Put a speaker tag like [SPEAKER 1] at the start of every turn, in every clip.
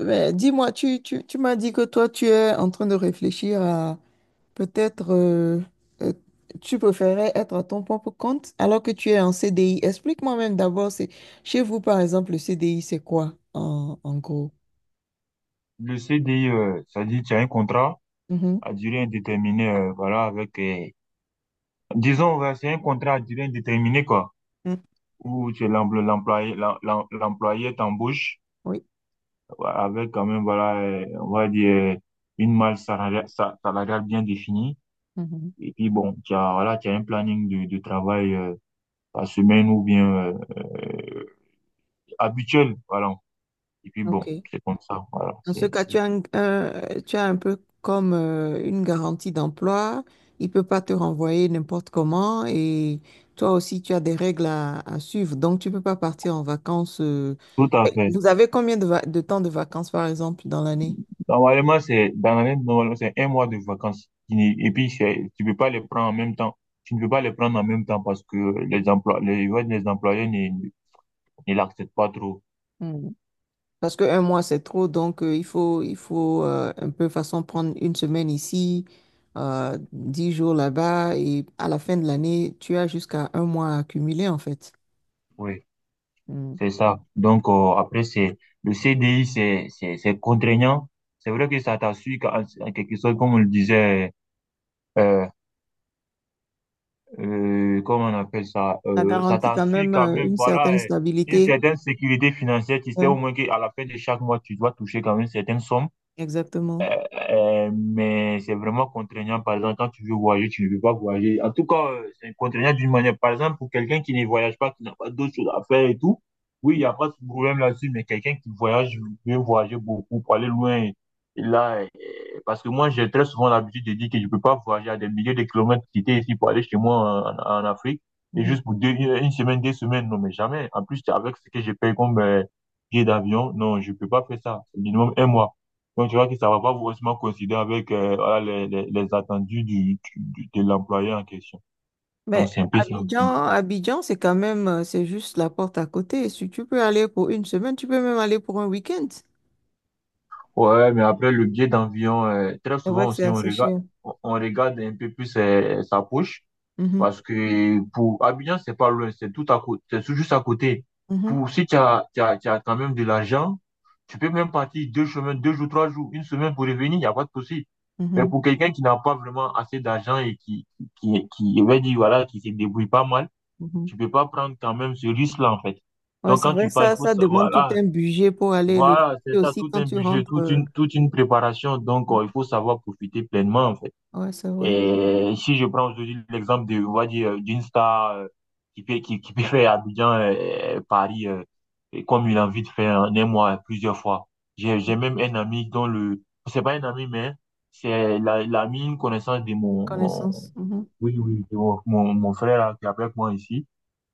[SPEAKER 1] Mais dis-moi, tu m'as dit que toi, tu es en train de réfléchir à peut-être, euh, euh, tu préférais être à ton propre compte alors que tu es en CDI. Explique-moi même d'abord, c'est chez vous, par exemple, le CDI, c'est quoi en gros?
[SPEAKER 2] Le CDI, ça dit tu as un contrat
[SPEAKER 1] Mhm.
[SPEAKER 2] à durée indéterminée, voilà, avec, disons, ouais, c'est un contrat à durée indéterminée, quoi,
[SPEAKER 1] Mm.
[SPEAKER 2] où tu es l'employé, l'employé t'embauche
[SPEAKER 1] Oui.
[SPEAKER 2] ouais, avec quand même, voilà, on va dire, une malle salariale, salariale bien définie.
[SPEAKER 1] Mhm.
[SPEAKER 2] Et puis, bon, tu as, voilà, tu as un planning de travail, par semaine ou bien, euh, euh, habituel, voilà. Et puis, bon,
[SPEAKER 1] OK.
[SPEAKER 2] c'est comme ça, voilà,
[SPEAKER 1] Dans ce
[SPEAKER 2] c'est,
[SPEAKER 1] cas,
[SPEAKER 2] c'est
[SPEAKER 1] tu as un peu comme une garantie d'emploi. Il peut pas te renvoyer n'importe comment et toi aussi, tu as des règles à suivre. Donc, tu peux pas partir en vacances.
[SPEAKER 2] tout à
[SPEAKER 1] Et
[SPEAKER 2] fait.
[SPEAKER 1] vous avez combien de temps de vacances, par exemple, dans l'année?
[SPEAKER 2] Normalement, c'est dans l'année, normalement, c'est un mois de vacances. Qui n'est- Et puis, c'est- tu peux pas les prendre en même temps. Tu ne peux pas les prendre en même temps parce que les emplois, les, ouais, les employés ne l'acceptent pas trop.
[SPEAKER 1] Hmm. Parce que un mois, c'est trop. Donc, il faut un peu façon prendre une semaine ici, 10 jours là-bas et à la fin de l'année, tu as jusqu'à un mois à accumuler, en fait.
[SPEAKER 2] Oui, c'est ça. Donc, après, c'est le CDI, c'est contraignant. C'est vrai que ça t'assure en quelque sorte, comme on le disait, euh, comment on appelle ça,
[SPEAKER 1] Ça
[SPEAKER 2] ça
[SPEAKER 1] garantit quand
[SPEAKER 2] t'assure
[SPEAKER 1] même
[SPEAKER 2] quand même,
[SPEAKER 1] une
[SPEAKER 2] voilà,
[SPEAKER 1] certaine
[SPEAKER 2] une
[SPEAKER 1] stabilité.
[SPEAKER 2] certaine sécurité financière. Tu sais
[SPEAKER 1] Ouais,
[SPEAKER 2] au moins qu'à la fin de chaque mois, tu dois toucher quand même certaines sommes.
[SPEAKER 1] exactement.
[SPEAKER 2] Mais c'est vraiment contraignant. Par exemple, quand tu veux voyager, tu ne veux pas voyager. En tout cas, c'est contraignant d'une manière. Par exemple, pour quelqu'un qui ne voyage pas, qui n'a pas d'autres choses à faire et tout, oui, il n'y a pas de problème là-dessus. Mais quelqu'un qui voyage, veut voyager beaucoup pour aller loin. Et là, parce que moi, j'ai très souvent l'habitude de dire que je ne peux pas voyager à des milliers de kilomètres quitter ici pour aller chez moi en, en Afrique. Et
[SPEAKER 1] Mhm.
[SPEAKER 2] juste pour deux, une semaine, deux semaines, non, mais jamais. En plus, avec ce que je paye comme billet d'avion, non, je ne peux pas faire ça. C'est minimum un mois. Donc, tu vois que ça va pas forcément coïncider avec voilà, les attendus de l'employeur en question. Donc,
[SPEAKER 1] Mais
[SPEAKER 2] c'est un peu ça aussi.
[SPEAKER 1] Abidjan, c'est quand même, c'est juste la porte à côté. Si tu peux aller pour une semaine, tu peux même aller pour un week-end.
[SPEAKER 2] Ouais, mais après, le biais d'environ, très
[SPEAKER 1] C'est vrai
[SPEAKER 2] souvent
[SPEAKER 1] que c'est
[SPEAKER 2] aussi, on
[SPEAKER 1] assez
[SPEAKER 2] regarde,
[SPEAKER 1] cher.
[SPEAKER 2] on regarde un peu plus sa poche
[SPEAKER 1] Mhm,
[SPEAKER 2] parce que pour Abidjan, c'est pas loin, c'est tout à côté, c'est tout juste à côté.
[SPEAKER 1] mhm,
[SPEAKER 2] Pour, si tu as, tu as, tu as quand même de l'argent, tu peux même partir deux chemins, deux jours, trois jours, une semaine pour revenir, il n'y a pas de souci. Mais
[SPEAKER 1] mhm,
[SPEAKER 2] pour quelqu'un qui n'a pas vraiment assez d'argent et on va dire, voilà, qui se débrouille pas mal,
[SPEAKER 1] mhm.
[SPEAKER 2] tu peux pas prendre quand même ce risque-là, en fait.
[SPEAKER 1] Ouais,
[SPEAKER 2] Donc,
[SPEAKER 1] c'est
[SPEAKER 2] quand
[SPEAKER 1] vrai
[SPEAKER 2] tu
[SPEAKER 1] que
[SPEAKER 2] pars, il
[SPEAKER 1] ça,
[SPEAKER 2] faut
[SPEAKER 1] ça
[SPEAKER 2] savoir,
[SPEAKER 1] demande tout
[SPEAKER 2] voilà,
[SPEAKER 1] un budget pour aller le
[SPEAKER 2] voilà,
[SPEAKER 1] et
[SPEAKER 2] c'est ça,
[SPEAKER 1] aussi
[SPEAKER 2] tout
[SPEAKER 1] quand
[SPEAKER 2] un
[SPEAKER 1] tu
[SPEAKER 2] budget,
[SPEAKER 1] rentres. euh,
[SPEAKER 2] toute une préparation. Donc, il faut savoir profiter pleinement, en fait.
[SPEAKER 1] Ouais, c'est vrai.
[SPEAKER 2] Et si je prends aujourd'hui l'exemple de, on va dire, d'une star qui peut, qui peut faire Abidjan, Paris, et comme il a envie de faire en un mois, plusieurs fois. J'ai même un ami dont le, c'est pas un ami, mais c'est l'ami, une connaissance de
[SPEAKER 1] Connaissance. Mhm,
[SPEAKER 2] oui, oui, de mon frère, là, qui est avec moi ici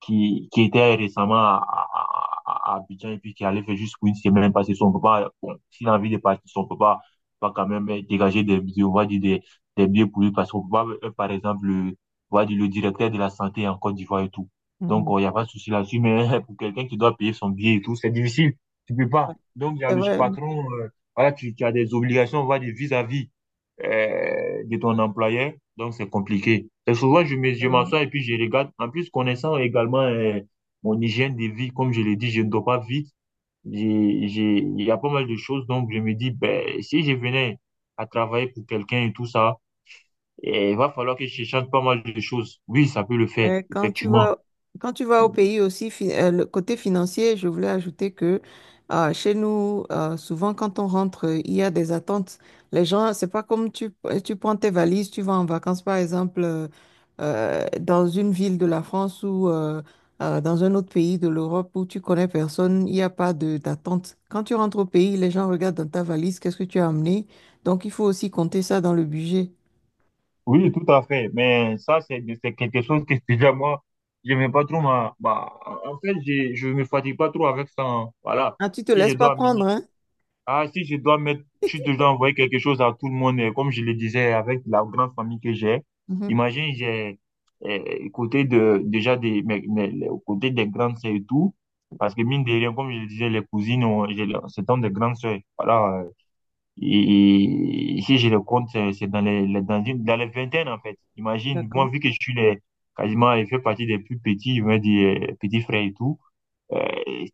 [SPEAKER 2] qui était récemment à Abidjan et puis qui allait faire juste pour une semaine parce que son papa, bon, s'il a envie de partir, son papa va quand même dégager on va dire des billets pour lui parce qu'on papa, par exemple, le, on va dire le directeur de la santé en Côte d'Ivoire et tout. Donc,
[SPEAKER 1] mhm.
[SPEAKER 2] oh, il n'y a pas de souci là-dessus, mais pour quelqu'un qui doit payer son billet et tout, c'est difficile. Tu peux
[SPEAKER 1] Ouais,
[SPEAKER 2] pas. Donc, il y a
[SPEAKER 1] c'est
[SPEAKER 2] le
[SPEAKER 1] vrai.
[SPEAKER 2] patron, voilà, tu as des obligations, on va dire, vis-à-vis de ton employeur. Donc, c'est compliqué. Et souvent, je m'assois et puis je regarde. En plus, connaissant également mon hygiène de vie, comme je l'ai dit, je ne dors pas vite. Il y a pas mal de choses. Donc, je me dis, ben, si je venais à travailler pour quelqu'un et tout ça, eh, il va falloir que je change pas mal de choses. Oui, ça peut le faire,
[SPEAKER 1] Ouais, quand tu
[SPEAKER 2] effectivement.
[SPEAKER 1] vas, Quand tu vas au pays aussi, le côté financier, je voulais ajouter que chez nous, souvent quand on rentre, il y a des attentes. Les gens, c'est pas comme tu prends tes valises, tu vas en vacances, par exemple, dans une ville de la France ou dans un autre pays de l'Europe où tu connais personne, il n'y a pas de d'attente. Quand tu rentres au pays, les gens regardent dans ta valise, qu'est-ce que tu as amené. Donc, il faut aussi compter ça dans le budget.
[SPEAKER 2] Oui, tout à fait. Mais ça, c'est quelque chose que déjà, moi, je n'aime pas trop en fait, je me fatigue pas trop avec ça, hein. Voilà.
[SPEAKER 1] Ah, tu te
[SPEAKER 2] Si je
[SPEAKER 1] laisses pas
[SPEAKER 2] dois
[SPEAKER 1] prendre,
[SPEAKER 2] amener,
[SPEAKER 1] hein?
[SPEAKER 2] ah, si je dois mettre, si je dois envoyer quelque chose à tout le monde, comme je le disais, avec la grande famille que j'ai, imagine, j'ai, côté de, déjà des, mais aux côtés des grandes sœurs et tout, parce que mine de rien, comme je le disais, les cousines, ont j'ai c'est dans des grandes sœurs. Voilà, et si je le compte, c'est dans dans dans les vingtaines, en fait. Imagine, moi,
[SPEAKER 1] D'accord.
[SPEAKER 2] vu que je suis les, quasiment, je fais partie des plus petits, je vais dire, petits frères et tout. Euh,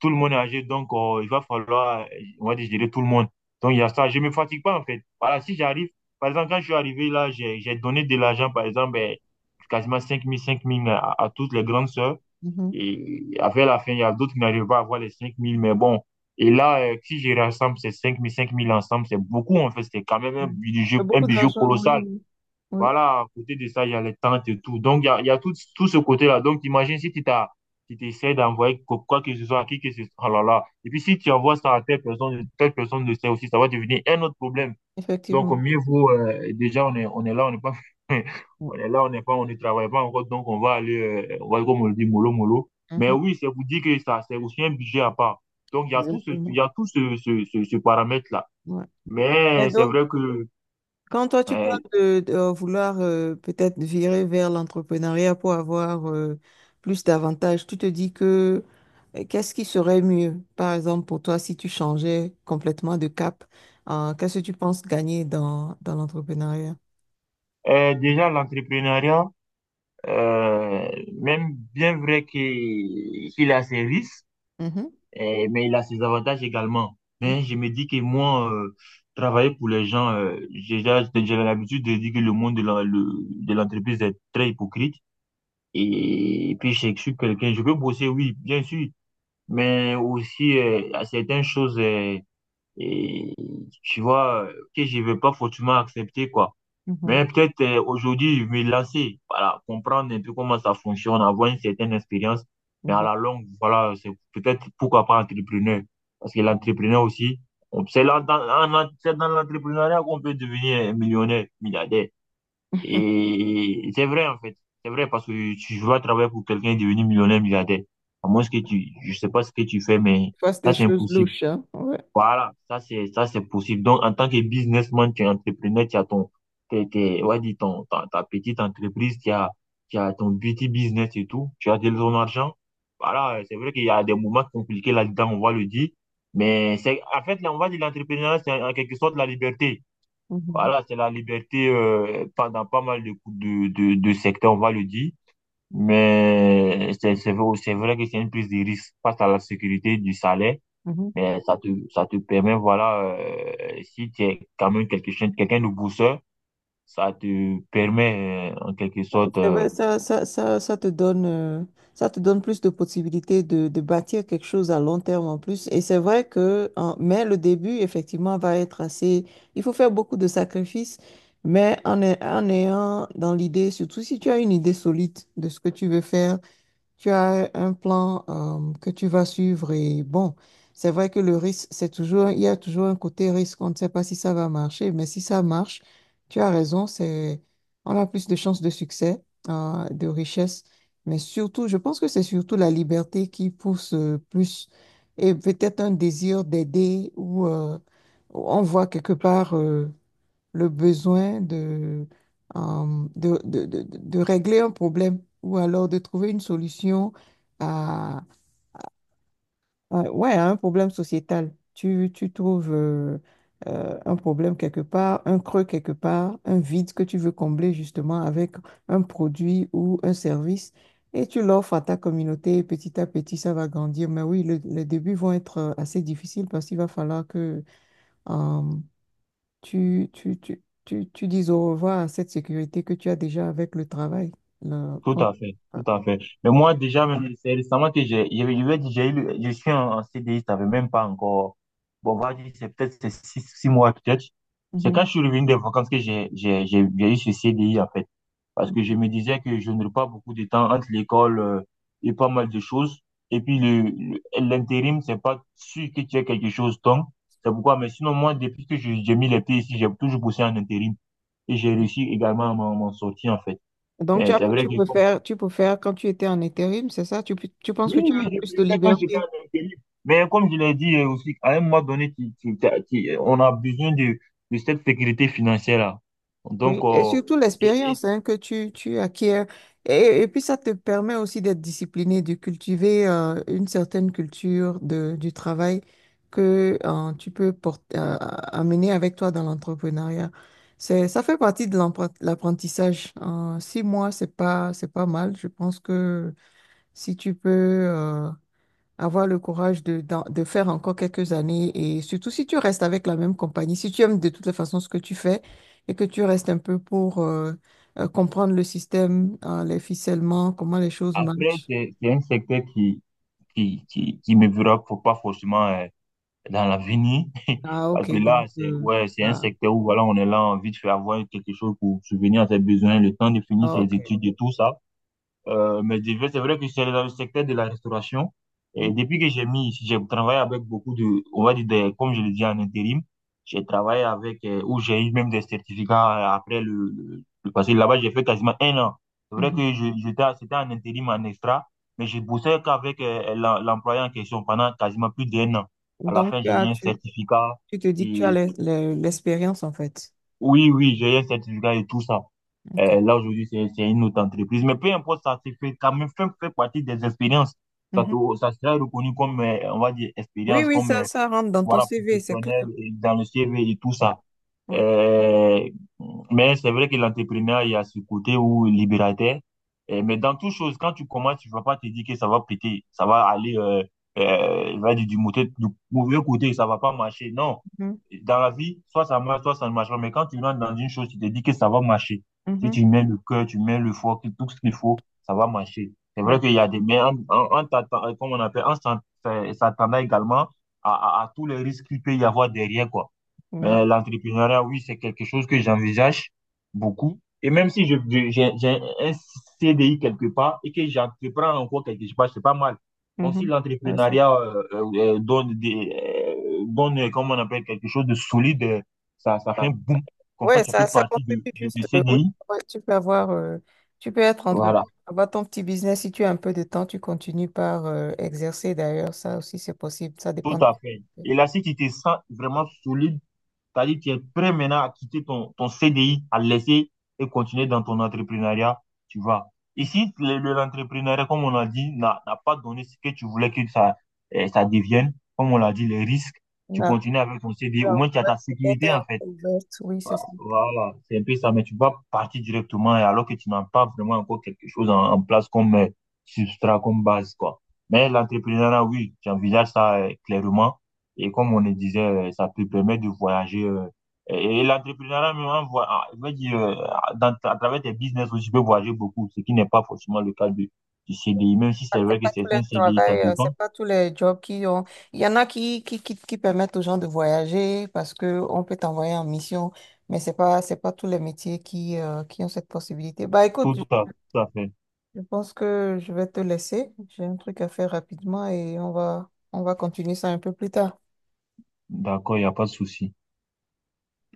[SPEAKER 2] Tout le monde est âgé, donc il va falloir, on va dire, gérer tout le monde. Donc il y a ça, je me fatigue pas en fait. Voilà, si j'arrive, par exemple, quand je suis arrivé là, j'ai donné de l'argent, par exemple, eh, quasiment cinq mille cinq mille à toutes les grandes sœurs.
[SPEAKER 1] Mhm.
[SPEAKER 2] Et après la fin, il y a d'autres qui n'arrivent pas à avoir les cinq mille mais bon. Et là, si je rassemble ces cinq mille cinq mille ensemble, c'est beaucoup en fait, c'est quand même
[SPEAKER 1] Mhm. Il y a
[SPEAKER 2] un
[SPEAKER 1] beaucoup
[SPEAKER 2] budget
[SPEAKER 1] d'argent, oui,
[SPEAKER 2] colossal.
[SPEAKER 1] oui. Oui,
[SPEAKER 2] Voilà, à côté de ça, il y a les tentes et tout. Donc, il y a tout, tout ce côté-là. Donc, imagine si tu t'as, tu t'essaies d'envoyer quoi, quoi que ce soit à qui que ce soit. Oh là là. Et puis, si tu envoies ça à telle personne le sait aussi, ça va devenir un autre problème. Donc, au
[SPEAKER 1] effectivement.
[SPEAKER 2] mieux vaut, déjà, on est là, on n'est pas, on est là, on n'est pas, on ne travaille pas encore. Donc, on va aller, on va, comme on le dit, mollo, mollo. Mais
[SPEAKER 1] Mhm.
[SPEAKER 2] oui, c'est vous dire que ça, c'est aussi un budget à part. Donc, il
[SPEAKER 1] Exactement.
[SPEAKER 2] y a tout ce paramètre-là.
[SPEAKER 1] Ouais. Et
[SPEAKER 2] Mais c'est
[SPEAKER 1] donc,
[SPEAKER 2] vrai que,
[SPEAKER 1] quand toi, tu parles
[SPEAKER 2] euh,
[SPEAKER 1] vouloir peut-être virer vers l'entrepreneuriat pour avoir plus d'avantages, tu te dis que qu'est-ce qui serait mieux, par exemple, pour toi, si tu changeais complètement de cap, qu'est-ce que tu penses gagner dans l'entrepreneuriat?
[SPEAKER 2] déjà, l'entrepreneuriat, Euh, même bien vrai que qu'il a ses risques,
[SPEAKER 1] Mhm.
[SPEAKER 2] eh, mais il a ses avantages également.
[SPEAKER 1] Mhm.
[SPEAKER 2] Mais je me dis que moi, travailler pour les gens, j'ai l'habitude de dire que le monde de de l'entreprise est très hypocrite. Et, puis, je suis quelqu'un, je peux bosser, oui, bien sûr, mais aussi à certaines choses, et tu vois, que je ne vais pas forcément accepter, quoi.
[SPEAKER 1] Mhm.
[SPEAKER 2] Mais peut-être aujourd'hui, je vais me lancer, voilà, comprendre un peu comment ça fonctionne, avoir une certaine expérience.
[SPEAKER 1] Je
[SPEAKER 2] Mais à
[SPEAKER 1] vois.
[SPEAKER 2] la longue, voilà, c'est peut-être pourquoi pas entrepreneur. Parce que l'entrepreneur aussi, c'est là, dans, c'est dans l'entrepreneuriat qu'on peut devenir millionnaire, milliardaire. Et c'est vrai, en fait. C'est vrai parce que tu vas travailler pour quelqu'un et devenir millionnaire, milliardaire. À moins que tu, je sais pas ce que tu fais, mais
[SPEAKER 1] Toi, c'est
[SPEAKER 2] ça,
[SPEAKER 1] des
[SPEAKER 2] c'est
[SPEAKER 1] choses
[SPEAKER 2] impossible.
[SPEAKER 1] louches, hein? Ouais.
[SPEAKER 2] Voilà, ça c'est possible. Donc en tant que businessman, tu es entrepreneur, tu as ton ouais, ta petite entreprise, tu as ton petit business et tout, tu as de ton argent. Voilà, c'est vrai qu'il y a des moments compliqués là-dedans, on va le dire, mais c'est en fait là, on va dire l'entrepreneuriat c'est en quelque sorte la liberté.
[SPEAKER 1] Mhm,
[SPEAKER 2] Voilà, c'est la liberté dans pas mal de secteurs, on va le dire. Mais c'est vrai que c'est une prise de risque face à la sécurité du salaire
[SPEAKER 1] mhm.
[SPEAKER 2] mais ça te permet, voilà, si tu es quand même quelqu'un de bosseur, ça te permet, en quelque sorte,
[SPEAKER 1] C'est vrai, ça te donne, ça te donne plus de possibilités de bâtir quelque chose à long terme en plus. Et c'est vrai que, mais le début, effectivement, va être assez, il faut faire beaucoup de sacrifices, mais en ayant dans l'idée, surtout si tu as une idée solide de ce que tu veux faire, tu as un plan que tu vas suivre et bon, c'est vrai que le risque, c'est toujours, il y a toujours un côté risque, on ne sait pas si ça va marcher, mais si ça marche, tu as raison, c'est, on a plus de chances de succès, de richesse, mais surtout, je pense que c'est surtout la liberté qui pousse plus et peut-être un désir d'aider ou on voit quelque part. Le besoin de régler un problème ou alors de trouver une solution à, ouais, à un problème sociétal. Tu trouves un problème quelque part, un creux quelque part, un vide que tu veux combler justement avec un produit ou un service et tu l'offres à ta communauté et petit à petit ça va grandir. Mais oui, les débuts vont être assez difficiles parce qu'il va falloir que euh, tu dises au revoir à cette sécurité que tu as déjà avec le travail. là,
[SPEAKER 2] tout
[SPEAKER 1] quand-
[SPEAKER 2] à fait,
[SPEAKER 1] Ah,
[SPEAKER 2] tout à fait. Mais moi, déjà, même, c'est récemment que j'ai, je vais dire, je suis en, en CDI, ça fait même pas encore, bon, on va dire, c'est peut-être c'est six, six mois, peut-être. C'est
[SPEAKER 1] mhm.
[SPEAKER 2] quand je suis revenu des vacances que j'ai eu ce CDI, en fait, parce que je me disais que je n'aurais pas beaucoup de temps entre l'école et pas mal de choses. Et puis l'intérim, c'est pas sûr que tu aies quelque chose. Donc, c'est pourquoi. Mais sinon, moi, depuis j'ai mis les pieds ici, j'ai toujours bossé en intérim. Et j'ai réussi également à m'en sortir, en fait.
[SPEAKER 1] Donc,
[SPEAKER 2] Mais c'est vrai que,
[SPEAKER 1] tu préfères quand tu étais en intérim, c'est ça? Tu penses que
[SPEAKER 2] oui,
[SPEAKER 1] tu
[SPEAKER 2] oui,
[SPEAKER 1] avais
[SPEAKER 2] j'ai
[SPEAKER 1] plus de
[SPEAKER 2] préféré quand j'étais
[SPEAKER 1] liberté?
[SPEAKER 2] en intérim. Mais comme je l'ai dit aussi, à un moment donné, on a besoin de cette sécurité financière-là.
[SPEAKER 1] Oui,
[SPEAKER 2] Donc,
[SPEAKER 1] et surtout
[SPEAKER 2] et, et
[SPEAKER 1] l'expérience hein, que tu acquiers. Et puis ça te permet aussi d'être discipliné, de cultiver une certaine culture de, du travail que tu peux porter, amener avec toi dans l'entrepreneuriat. C'est, ça fait partie de l'apprentissage. 6 mois, c'est pas mal. Je pense que si tu peux avoir le courage de, de faire encore quelques années et surtout si tu restes avec la même compagnie, si tu aimes de toutes les façons ce que tu fais et que tu restes un peu pour comprendre le système, hein, les ficellements, comment les choses
[SPEAKER 2] après,
[SPEAKER 1] marchent.
[SPEAKER 2] c'est un secteur qui me fera faut pas forcément dans l'avenir.
[SPEAKER 1] Ah,
[SPEAKER 2] Parce que
[SPEAKER 1] ok,
[SPEAKER 2] là,
[SPEAKER 1] donc,
[SPEAKER 2] c'est ouais, c'est un
[SPEAKER 1] voilà.
[SPEAKER 2] secteur où voilà, on est là, envie de faire avoir quelque chose pour subvenir à ses besoins, le temps de finir
[SPEAKER 1] Ah,
[SPEAKER 2] ses
[SPEAKER 1] ok.
[SPEAKER 2] études et tout ça. Mais c'est vrai que je suis allé dans le secteur de la restauration. Et
[SPEAKER 1] Mm,
[SPEAKER 2] depuis que j'ai mis, j'ai travaillé avec beaucoup de, on va dire, comme je le dis en intérim, j'ai travaillé avec, où j'ai eu même des certificats après le passé. Là-bas, j'ai fait quasiment 1 an. C'est vrai
[SPEAKER 1] mhm.
[SPEAKER 2] que je, j'étais, c'était en intérim, en extra, mais je bossais qu'avec l'employé en question pendant quasiment plus d'1 an. À la
[SPEAKER 1] Donc,
[SPEAKER 2] fin, j'ai eu un certificat
[SPEAKER 1] tu te dis que tu as
[SPEAKER 2] et
[SPEAKER 1] l'expérience en fait.
[SPEAKER 2] oui, oui, j'ai un certificat et tout ça.
[SPEAKER 1] Ok.
[SPEAKER 2] Là, aujourd'hui, c'est une autre entreprise. Mais peu importe, ça c'est fait quand même fait, fait partie des expériences. Ça,
[SPEAKER 1] Mhm.
[SPEAKER 2] ça sera reconnu comme, on va dire,
[SPEAKER 1] Oui,
[SPEAKER 2] expérience,
[SPEAKER 1] oui,
[SPEAKER 2] comme,
[SPEAKER 1] ça rentre dans ton
[SPEAKER 2] voilà,
[SPEAKER 1] CV, c'est
[SPEAKER 2] professionnel
[SPEAKER 1] clair.
[SPEAKER 2] et dans le CV et tout
[SPEAKER 1] Ouais,
[SPEAKER 2] ça.
[SPEAKER 1] ouais.
[SPEAKER 2] Euh, mais c'est vrai que l'entrepreneur, il y a ce côté où libérateur. Mais dans toute chose, quand tu commences, tu vas pas te dire que ça va péter, ça va aller, il va dire du, du mauvais côté, ça va pas marcher. Non.
[SPEAKER 1] Mhm,
[SPEAKER 2] Dans la vie, soit ça marche, soit ça ne marche pas. Mais quand tu rentres dans une chose, tu te dis que ça va marcher. Si
[SPEAKER 1] mhm,
[SPEAKER 2] tu mets le cœur, tu mets le foie, que tout ce qu'il faut, ça va marcher. C'est vrai
[SPEAKER 1] ouais,
[SPEAKER 2] qu'il y a des, mais comment on appelle, s'attendant également à, à tous les risques qu'il peut y avoir derrière, quoi.
[SPEAKER 1] ouais,
[SPEAKER 2] Mais l'entrepreneuriat, oui, c'est quelque chose que j'envisage beaucoup. Et même si j'ai un CDI quelque part et que j'entreprends encore quelque part, c'est pas mal. Donc, si
[SPEAKER 1] mhm. Ouais, ça-
[SPEAKER 2] l'entrepreneuriat donne, des, donne, comment on appelle, quelque chose de solide, ça, ça fait un boom. Comme ça,
[SPEAKER 1] Ouais,
[SPEAKER 2] tu peux
[SPEAKER 1] ça
[SPEAKER 2] partir
[SPEAKER 1] contribue
[SPEAKER 2] du
[SPEAKER 1] juste. Oui,
[SPEAKER 2] CDI.
[SPEAKER 1] ouais, tu peux avoir, tu peux être
[SPEAKER 2] Voilà,
[SPEAKER 1] entrepreneur, avoir ton petit business. Si tu as un peu de temps, tu continues par exercer. D'ailleurs, ça aussi, c'est possible. Ça
[SPEAKER 2] tout
[SPEAKER 1] dépend. De-
[SPEAKER 2] à fait. Et là, si tu te sens vraiment solide, c'est-à-dire, que tu es prêt maintenant à quitter ton CDI, à le laisser et continuer dans ton entrepreneuriat, tu vois. Ici, l'entrepreneuriat, comme on a dit, n'a pas donné ce que tu voulais que ça devienne. Comme on l'a dit, les risques, tu
[SPEAKER 1] Non,
[SPEAKER 2] continues avec ton CDI. Au
[SPEAKER 1] non,
[SPEAKER 2] moins, tu as
[SPEAKER 1] ouais,
[SPEAKER 2] ta
[SPEAKER 1] la porte est
[SPEAKER 2] sécurité, en
[SPEAKER 1] encore
[SPEAKER 2] fait.
[SPEAKER 1] ouverte. Oui, c'est ça.
[SPEAKER 2] Voilà, c'est un peu ça, mais tu vas partir directement et alors que tu n'as pas vraiment encore quelque chose en place comme substrat, comme base, quoi. Mais l'entrepreneuriat, oui, j'envisage ça clairement. Et comme on le disait, ça peut permettre de voyager. Et l'entrepreneuriat, même, je veux dire, à travers tes business aussi, tu peux voyager beaucoup, ce qui n'est pas forcément le cas du CDI, même si c'est vrai
[SPEAKER 1] C'est
[SPEAKER 2] que
[SPEAKER 1] pas tous les
[SPEAKER 2] certains CDI, ça
[SPEAKER 1] travail,
[SPEAKER 2] dépend.
[SPEAKER 1] c'est pas tous les jobs qui ont. Il y en a qui permettent aux gens de voyager parce que on peut t'envoyer en mission, mais c'est pas tous les métiers qui ont cette possibilité. Bah écoute,
[SPEAKER 2] Tout à, tout à fait.
[SPEAKER 1] je pense que je vais te laisser. J'ai un truc à faire rapidement et on va continuer ça un peu plus tard.
[SPEAKER 2] D'accord, il n'y a pas de souci.